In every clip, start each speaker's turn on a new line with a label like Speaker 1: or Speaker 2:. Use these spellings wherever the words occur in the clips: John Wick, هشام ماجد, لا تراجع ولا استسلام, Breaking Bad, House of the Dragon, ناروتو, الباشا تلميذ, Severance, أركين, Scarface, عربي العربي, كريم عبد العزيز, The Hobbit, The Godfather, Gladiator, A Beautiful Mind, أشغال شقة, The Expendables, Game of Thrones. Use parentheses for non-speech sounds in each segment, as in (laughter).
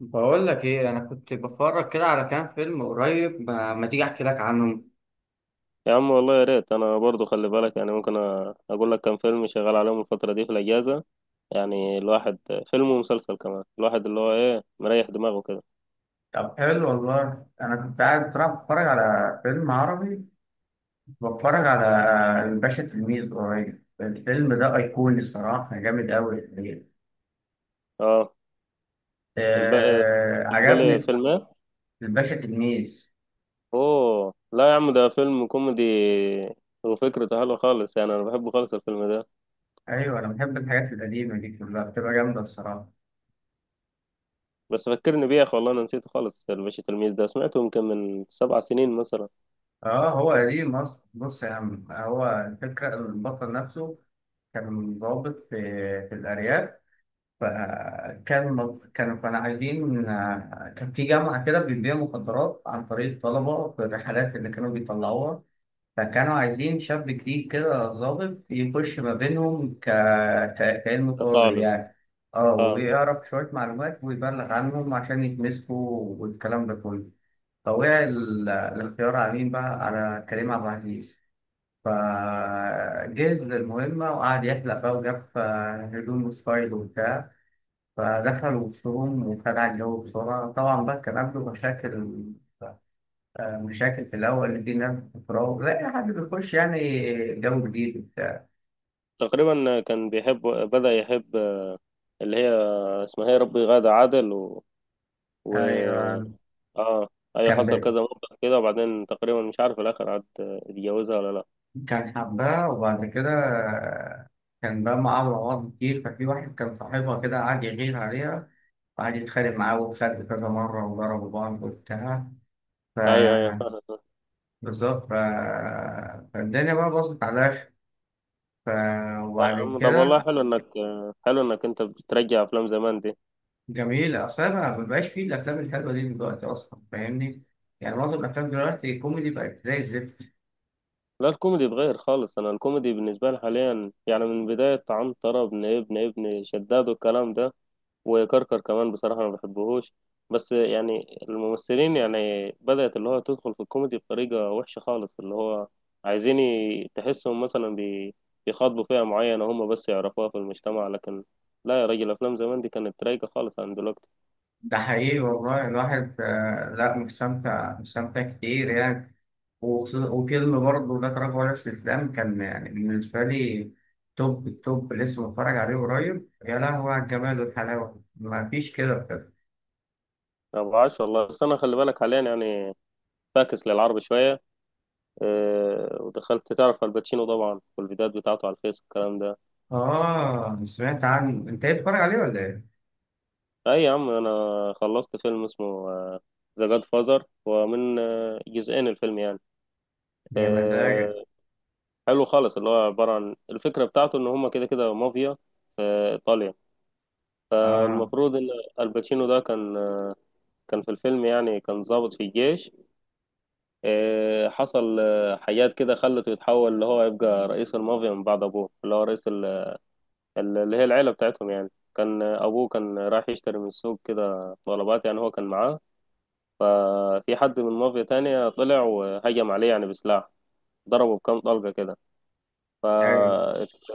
Speaker 1: بقول لك ايه، انا كنت بتفرج كده على كام فيلم قريب. ما تيجي احكي لك عنهم.
Speaker 2: يا عم والله يا ريت. انا برضو خلي بالك يعني ممكن اقول لك كام فيلم شغال عليهم الفتره دي في الاجازه. يعني الواحد فيلم ومسلسل كمان، الواحد اللي هو ايه مريح دماغه كده.
Speaker 1: طب حلو والله، أنا كنت قاعد بصراحة بتفرج على فيلم عربي. بتفرج على الباشا تلميذ قريب. الفيلم ده أيقوني الصراحة، جامد أوي الحقيقة.
Speaker 2: اه. الباقي؟
Speaker 1: آه،
Speaker 2: بتقول لي
Speaker 1: عجبني.
Speaker 2: فيلم ايه؟
Speaker 1: الباشا تلميذ.
Speaker 2: اوه، لا يا عم، ده فيلم كوميدي، وفكرته حلوه خالص. يعني انا بحبه خالص الفيلم ده.
Speaker 1: أيوه، أنا بحب الحاجات القديمة دي، كلها بتبقى جامدة الصراحة.
Speaker 2: بس فكرني بيه يا اخي، والله انا نسيته خالص. الباشا تلميذ ده سمعته يمكن من 7 سنين مثلا.
Speaker 1: أه، هو قديم أصلا. بص يا عم، هو الفكرة إن البطل نفسه كان ضابط في الأرياف. فكان كانوا كانوا عايزين كان في جامعة كده بتبيع مخدرات عن طريق الطلبة في الرحلات اللي كانوا بيطلعوها. فكانوا عايزين شاب جديد كده ظابط يخش ما بينهم كأنه طالب
Speaker 2: كطالب.
Speaker 1: يعني. اه،
Speaker 2: اه.
Speaker 1: ويعرف شوية معلومات ويبلغ عنهم عشان يتمسكوا والكلام ده كله. فوقع الاختيار على مين بقى، على كريم عبد العزيز. فجهز للمهمة وقعد يحلق بقى وجاب هدوم وستايل وبتاع. فدخل وسطهم وخدع الجو بسرعة، طبعا بقى كان عنده مشاكل. مشاكل في الأول، اللي دي ناس بتراوغ لا أي حد بيخش يعني. جو جديد وبتاع.
Speaker 2: تقريبا كان بيحب، بدأ يحب اللي هي اسمها ايه، ربي، غادة عادل. و
Speaker 1: أيوة.
Speaker 2: اه. ايوه،
Speaker 1: كان
Speaker 2: حصل
Speaker 1: ب...
Speaker 2: كذا موقف كده، وبعدين تقريبا مش عارف في الاخر عاد اتجوزها ولا لا.
Speaker 1: كان حباه وبعد كده. آه، كان بقى معاه أمراض كتير، ففي واحد كان صاحبها كده قعد يغير عليها، وقعد يتخانق معاه وخد كذا مرة وضربوا بعض وبتاع. ف
Speaker 2: ايوه ايوه.
Speaker 1: بالظبط. فالدنيا بقى باظت على الآخر. ف... وبعد
Speaker 2: طب والله
Speaker 1: كده.
Speaker 2: حلو انك، حلو انك انت بترجع افلام زمان دي.
Speaker 1: جميل، اصل انا ما بقاش فيه الافلام الحلوه دي دلوقتي اصلا، فاهمني؟ يعني معظم الافلام دلوقتي كوميدي بقت زي الزفت.
Speaker 2: لا، الكوميدي اتغير خالص. انا الكوميدي بالنسبه لي حاليا يعني من بدايه عنتره ابن شداد والكلام ده، وكركر كمان، بصراحة ما بحبهوش. بس يعني الممثلين يعني بدأت اللي هو تدخل في الكوميدي بطريقة وحشة خالص، اللي هو عايزين تحسهم مثلا بيخاطبوا فئة معينة هم بس يعرفوها في المجتمع، لكن لا يا راجل، أفلام زمان دي كانت رايقة خالص عن دلوقتي.
Speaker 1: ده حقيقي والله. الواحد لا، مستمتع مستمتع كتير يعني. وفيلم برضه لا تراجع ولا استسلام كان يعني بالنسبه لي توب التوب. لسه بتفرج عليه قريب، يا لهوي على الجمال والحلاوه، ما فيش كده بجد.
Speaker 2: ما بعرفش والله، بس أنا خلي بالك حاليا يعني فاكس للعرب شوية. أه، ودخلت تعرف الباتشينو طبعا والفيديوهات بتاعته على الفيس والكلام ده.
Speaker 1: اه، سمعت عنه. انت ايه بتتفرج عليه ولا ايه؟
Speaker 2: اي يا عم، انا خلصت فيلم اسمه ذا جاد فازر، ومن جزئين الفيلم يعني.
Speaker 1: يا مزاجك.
Speaker 2: آه، حلو خالص، اللي هو عبارة عن الفكرة بتاعته ان هما كده كده مافيا ايطاليا.
Speaker 1: اه.
Speaker 2: المفروض ان الباتشينو ده كان كان في الفيلم، يعني كان ضابط في الجيش. حصل حاجات كده خلته يتحول اللي هو يبقى رئيس المافيا من بعد ابوه اللي هو رئيس اللي هي العيلة بتاعتهم. يعني كان ابوه كان رايح يشتري من السوق كده طلبات، يعني هو كان معاه. ففي حد من مافيا تانية طلع وهجم عليه يعني بسلاح، ضربه بكام طلقة كده.
Speaker 1: ايوه.
Speaker 2: فراح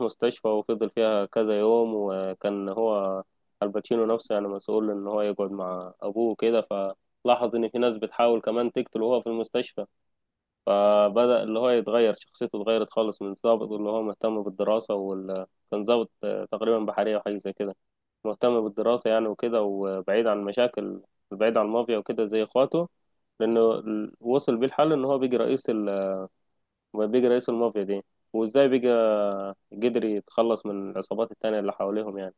Speaker 2: مستشفى، وفضل فيها كذا يوم. وكان هو الباتشينو نفسه يعني مسؤول إن هو يقعد مع أبوه كده، فلاحظ إن في ناس بتحاول كمان تقتله وهو في المستشفى. فبدأ اللي هو يتغير، شخصيته اتغيرت خالص، من ضابط اللي هو مهتم بالدراسة كان ضابط تقريبا بحرية وحاجة زي كده، مهتم بالدراسة يعني وكده، وبعيد عن المشاكل، بعيد عن المافيا وكده زي اخواته. لأنه وصل بيه الحل إن هو بيجي رئيس بيجي رئيس المافيا دي، وإزاي بيجي قدر يتخلص من العصابات التانية اللي حواليهم يعني.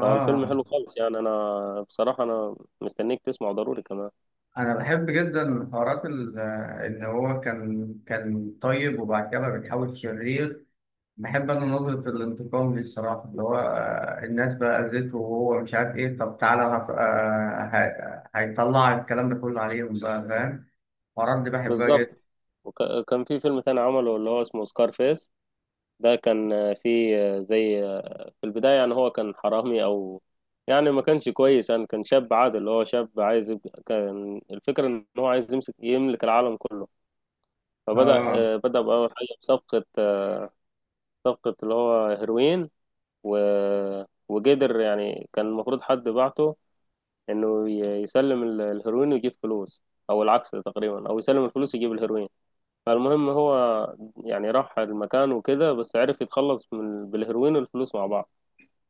Speaker 2: فالفيلم حلو خالص يعني، أنا بصراحة أنا مستنيك تسمعه ضروري كمان.
Speaker 1: انا بحب جدا من حوارات ان هو كان طيب وبعد كده بقى بيتحول شرير. بحب انا نظرة الانتقام دي الصراحة، اللي هو الناس بقى اذته وهو مش عارف ايه، طب تعالى هيطلع الكلام ده كله عليهم بقى، فاهم؟ الحوارات دي بحبها
Speaker 2: بالظبط.
Speaker 1: جدا.
Speaker 2: وكان في فيلم تاني عمله اللي هو اسمه سكارفيس. ده كان في زي، في البداية يعني هو كان حرامي، أو يعني ما كانش كويس يعني، كان شاب عادل اللي هو شاب عايز يبقى، كان الفكرة إن هو عايز يمسك يملك العالم كله. فبدأ
Speaker 1: اه.
Speaker 2: بدأ بأول حاجة بصفقة صفقة اللي هو هيروين. و... وقدر يعني، كان المفروض حد بعته إنه يسلم الهيروين ويجيب فلوس، أو العكس تقريبا، أو يسلم الفلوس يجيب الهيروين. فالمهم هو يعني راح المكان وكده، بس عرف يتخلص من بالهيروين والفلوس مع بعض.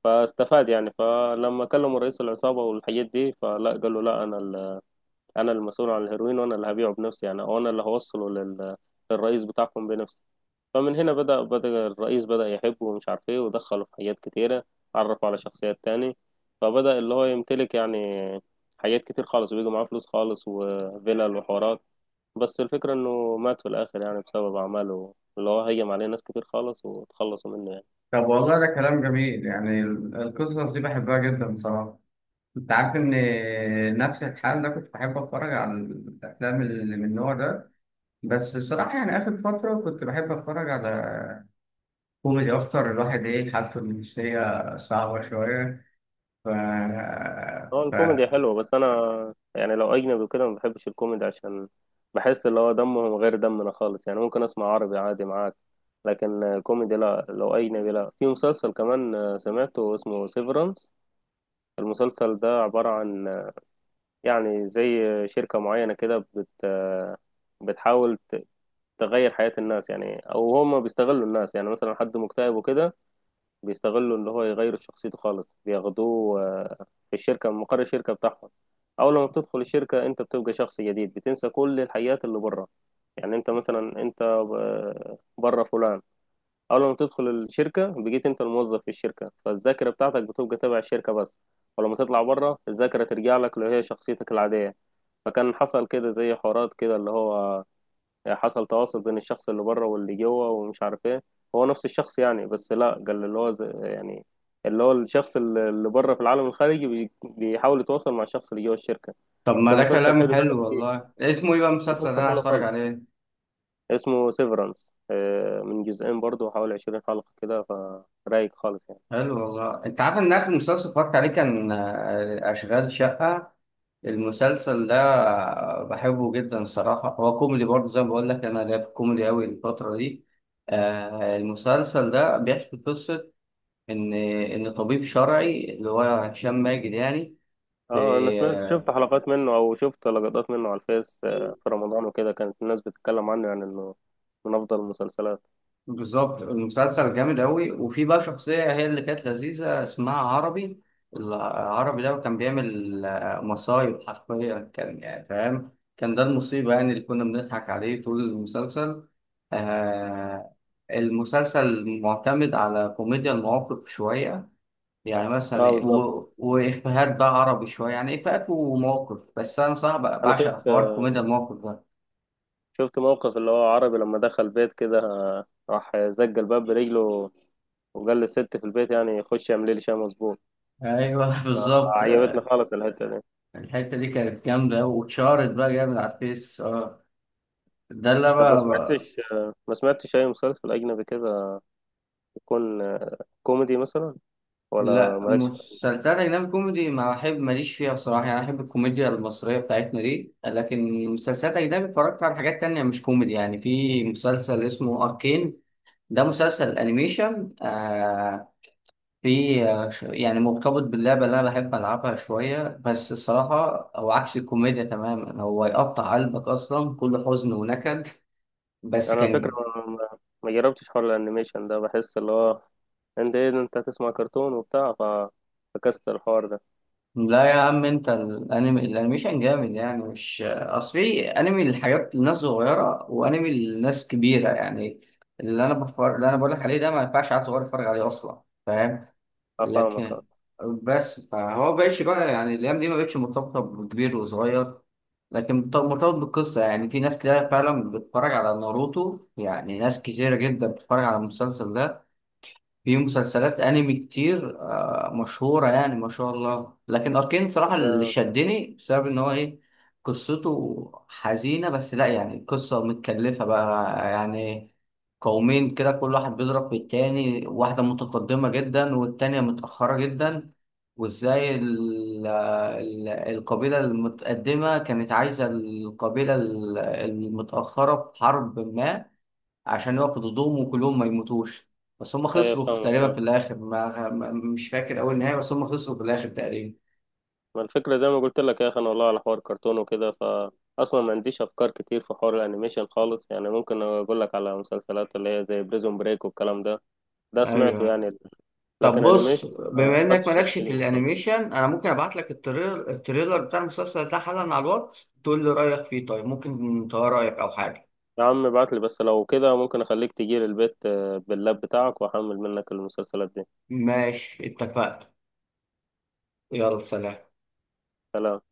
Speaker 2: فاستفاد يعني. فلما كلموا رئيس العصابة والحاجات دي، فلا قال له لا، أنا أنا المسؤول عن الهيروين، وأنا اللي هبيعه بنفسي يعني، وأنا اللي هوصله للرئيس بتاعكم بنفسي. فمن هنا بدأ، الرئيس بدأ يحبه ومش عارف إيه، ودخله في حاجات كتيرة، عرفه على شخصيات تاني. فبدأ اللي هو يمتلك يعني حاجات كتير خالص، وبيجي معاه فلوس خالص وفلل وحوارات. بس الفكرة إنه مات في الآخر يعني بسبب أعماله اللي هو هيم عليه ناس كتير خالص وتخلصوا منه يعني.
Speaker 1: طب والله ده كلام جميل. يعني القصص دي بحبها جدا بصراحة. انت عارف ان نفس الحال ده، كنت بحب اتفرج على الافلام اللي من النوع ده. بس الصراحة، يعني آخر فترة كنت بحب أتفرج على كوميدي أكتر، الواحد إيه حالته النفسية صعبة شوية. ف...
Speaker 2: اه،
Speaker 1: ف...
Speaker 2: الكوميدي حلوة، بس انا يعني لو اجنبي وكده ما بحبش الكوميدي، عشان بحس اللي هو دمهم غير دمنا خالص. يعني ممكن اسمع عربي عادي معاك، لكن الكوميدي لا، لو اجنبي لا. في مسلسل كمان سمعته، اسمه سيفرانس. المسلسل ده عبارة عن يعني زي شركة معينة كده بت آه، بتحاول تغير حياة الناس يعني، او هم بيستغلوا الناس يعني، مثلا حد مكتئب وكده بيستغلوا اللي هو يغيروا شخصيته خالص، بياخدوه في الشركة من مقر الشركة بتاعهم. أول ما بتدخل الشركة أنت بتبقى شخص جديد، بتنسى كل الحيات اللي بره. يعني أنت مثلا أنت بره فلان، أول ما بتدخل الشركة بقيت أنت الموظف في الشركة، فالذاكرة بتاعتك بتبقى تبع الشركة بس. ولما تطلع بره الذاكرة ترجع لك اللي هي شخصيتك العادية. فكان حصل كده زي حوارات كده اللي هو يعني، حصل تواصل بين الشخص اللي بره واللي جوه، ومش عارف ايه. هو نفس الشخص يعني. بس لا قال اللي هو يعني اللي هو الشخص اللي بره في العالم الخارجي بيحاول يتواصل مع الشخص اللي جوه الشركة.
Speaker 1: طب ما
Speaker 2: فكان
Speaker 1: ده
Speaker 2: مسلسل
Speaker 1: كلام
Speaker 2: حلو
Speaker 1: حلو
Speaker 2: يعني، فيه
Speaker 1: والله، اسمه إيه بقى المسلسل ده؟
Speaker 2: مسلسل
Speaker 1: أنا عايز
Speaker 2: حلو
Speaker 1: أتفرج
Speaker 2: خالص،
Speaker 1: عليه.
Speaker 2: اسمه سيفرانس، من جزئين برضه، حوالي 20 حلقة كده. فرايق خالص يعني.
Speaker 1: حلو والله. أنت عارف إن آخر مسلسل اتفرجت عليه كان أشغال شقة. المسلسل ده بحبه جدا الصراحة. هو كوميدي برضه، زي ما بقول لك أنا ليا في الكوميدي أوي الفترة دي. المسلسل ده بيحكي قصة إن طبيب شرعي اللي هو هشام ماجد يعني.
Speaker 2: اه، انا سمعت، شفت حلقات منه او شفت لقطات منه على الفيس في رمضان وكده، كانت الناس بتتكلم عنه، يعني انه من افضل المسلسلات.
Speaker 1: بالظبط، المسلسل جامد أوي. وفي بقى شخصية هي اللي كانت لذيذة، اسمها عربي. العربي ده كان بيعمل مصايب، حرفيا كان يعني فاهم. كان ده المصيبة يعني، اللي كنا بنضحك عليه طول المسلسل. آه المسلسل معتمد على كوميديا المواقف شوية. يعني
Speaker 2: اه
Speaker 1: مثلا
Speaker 2: بالظبط.
Speaker 1: وإفيهات بقى، عربي شوية يعني، إفيهات ومواقف. بس أنا صعب
Speaker 2: انا
Speaker 1: بعشق
Speaker 2: شفت،
Speaker 1: حوار كوميديا المواقف ده.
Speaker 2: شفت موقف اللي هو عربي لما دخل بيت كده راح زق الباب برجله، وقال للست في البيت يعني خش اعملي لي شاي مظبوط.
Speaker 1: أيوه، (laughs) بالظبط.
Speaker 2: عجبتني خالص الحتة دي.
Speaker 1: الحتة دي كانت جامدة واتشهرت بقى جامد على الفيس، اه. ده اللي
Speaker 2: طب ما
Speaker 1: أنا.
Speaker 2: سمعتش، ما سمعتش أي مسلسل أجنبي كده يكون كوميدي مثلا، ولا
Speaker 1: لا،
Speaker 2: مالكش؟
Speaker 1: مسلسلات أجنبي كوميدي ما أحب، ماليش فيها بصراحة. يعني أنا أحب الكوميديا المصرية بتاعتنا دي، لكن مسلسلات أجنبي اتفرجت على حاجات تانية مش كوميدي. يعني في مسلسل اسمه أركين. ده مسلسل أنيميشن. في يعني مرتبط باللعبة اللي أنا بحب ألعبها شوية، بس الصراحة هو عكس الكوميديا تماما، هو يقطع قلبك أصلا، كله حزن ونكد. بس
Speaker 2: أنا الفكرة
Speaker 1: كان
Speaker 2: ما ما جربتش حوار الأنيميشن ده، بحس اللي هو أنت إيه ده، أنت هتسمع كرتون وبتاع فكست الحوار ده.
Speaker 1: لا يا عم، انت الانمي الانيميشن جامد يعني. مش اصل في انمي للحاجات للناس صغيره، وانمي للناس كبيره يعني. اللي انا بقول لك عليه ده ما ينفعش عيل صغير يتفرج عليه اصلا، فاهم؟
Speaker 2: أفهمك أه.
Speaker 1: لكن بس فهو بقاش بقى، يعني الايام دي ما بقتش مرتبطه بكبير وصغير. لكن مرتبط بالقصه، يعني في ناس كتير فعلا بتتفرج على ناروتو، يعني ناس كتيره جدا بتتفرج على المسلسل ده. في مسلسلات انمي كتير مشهورة يعني، ما شاء الله. لكن اركين صراحة اللي
Speaker 2: طب
Speaker 1: شدني بسبب ان هو ايه، قصته حزينة. بس لا يعني القصة متكلفة بقى يعني، قومين كده كل واحد بيضرب في التاني، واحدة متقدمة جدا والتانية متأخرة جدا. وازاي القبيلة المتقدمة كانت عايزة القبيلة المتأخرة في حرب ما، عشان يقفوا ضدهم وكلهم ما يموتوش. بس هم
Speaker 2: أيوة
Speaker 1: خسروا في
Speaker 2: فاهمك
Speaker 1: تقريبا
Speaker 2: اه.
Speaker 1: في الاخر، مش فاكر اول نهاية، بس هم خسروا في الاخر تقريبا.
Speaker 2: ما الفكرة زي ما قلت لك يا أخي، أنا والله على حوار كرتون وكده فأصلا ما عنديش أفكار كتير في حوار الأنيميشن خالص. يعني ممكن أقول لك على مسلسلات اللي هي زي بريزون بريك والكلام ده، ده سمعته
Speaker 1: ايوه.
Speaker 2: يعني.
Speaker 1: طب
Speaker 2: لكن
Speaker 1: بص،
Speaker 2: أنيميشن ما
Speaker 1: بما انك
Speaker 2: خدتش
Speaker 1: مالكش في
Speaker 2: التجربة خالص.
Speaker 1: الانيميشن، انا ممكن ابعت لك التريلر بتاع المسلسل ده حالا على الواتس، تقول لي رايك فيه. طيب ممكن تغير رايك او حاجه.
Speaker 2: يا عم ابعت لي بس، لو كده ممكن أخليك تجي لي البيت باللاب بتاعك، وأحمل منك المسلسلات دي.
Speaker 1: ماشي، اتفقنا. يلا سلام.
Speaker 2: سلام.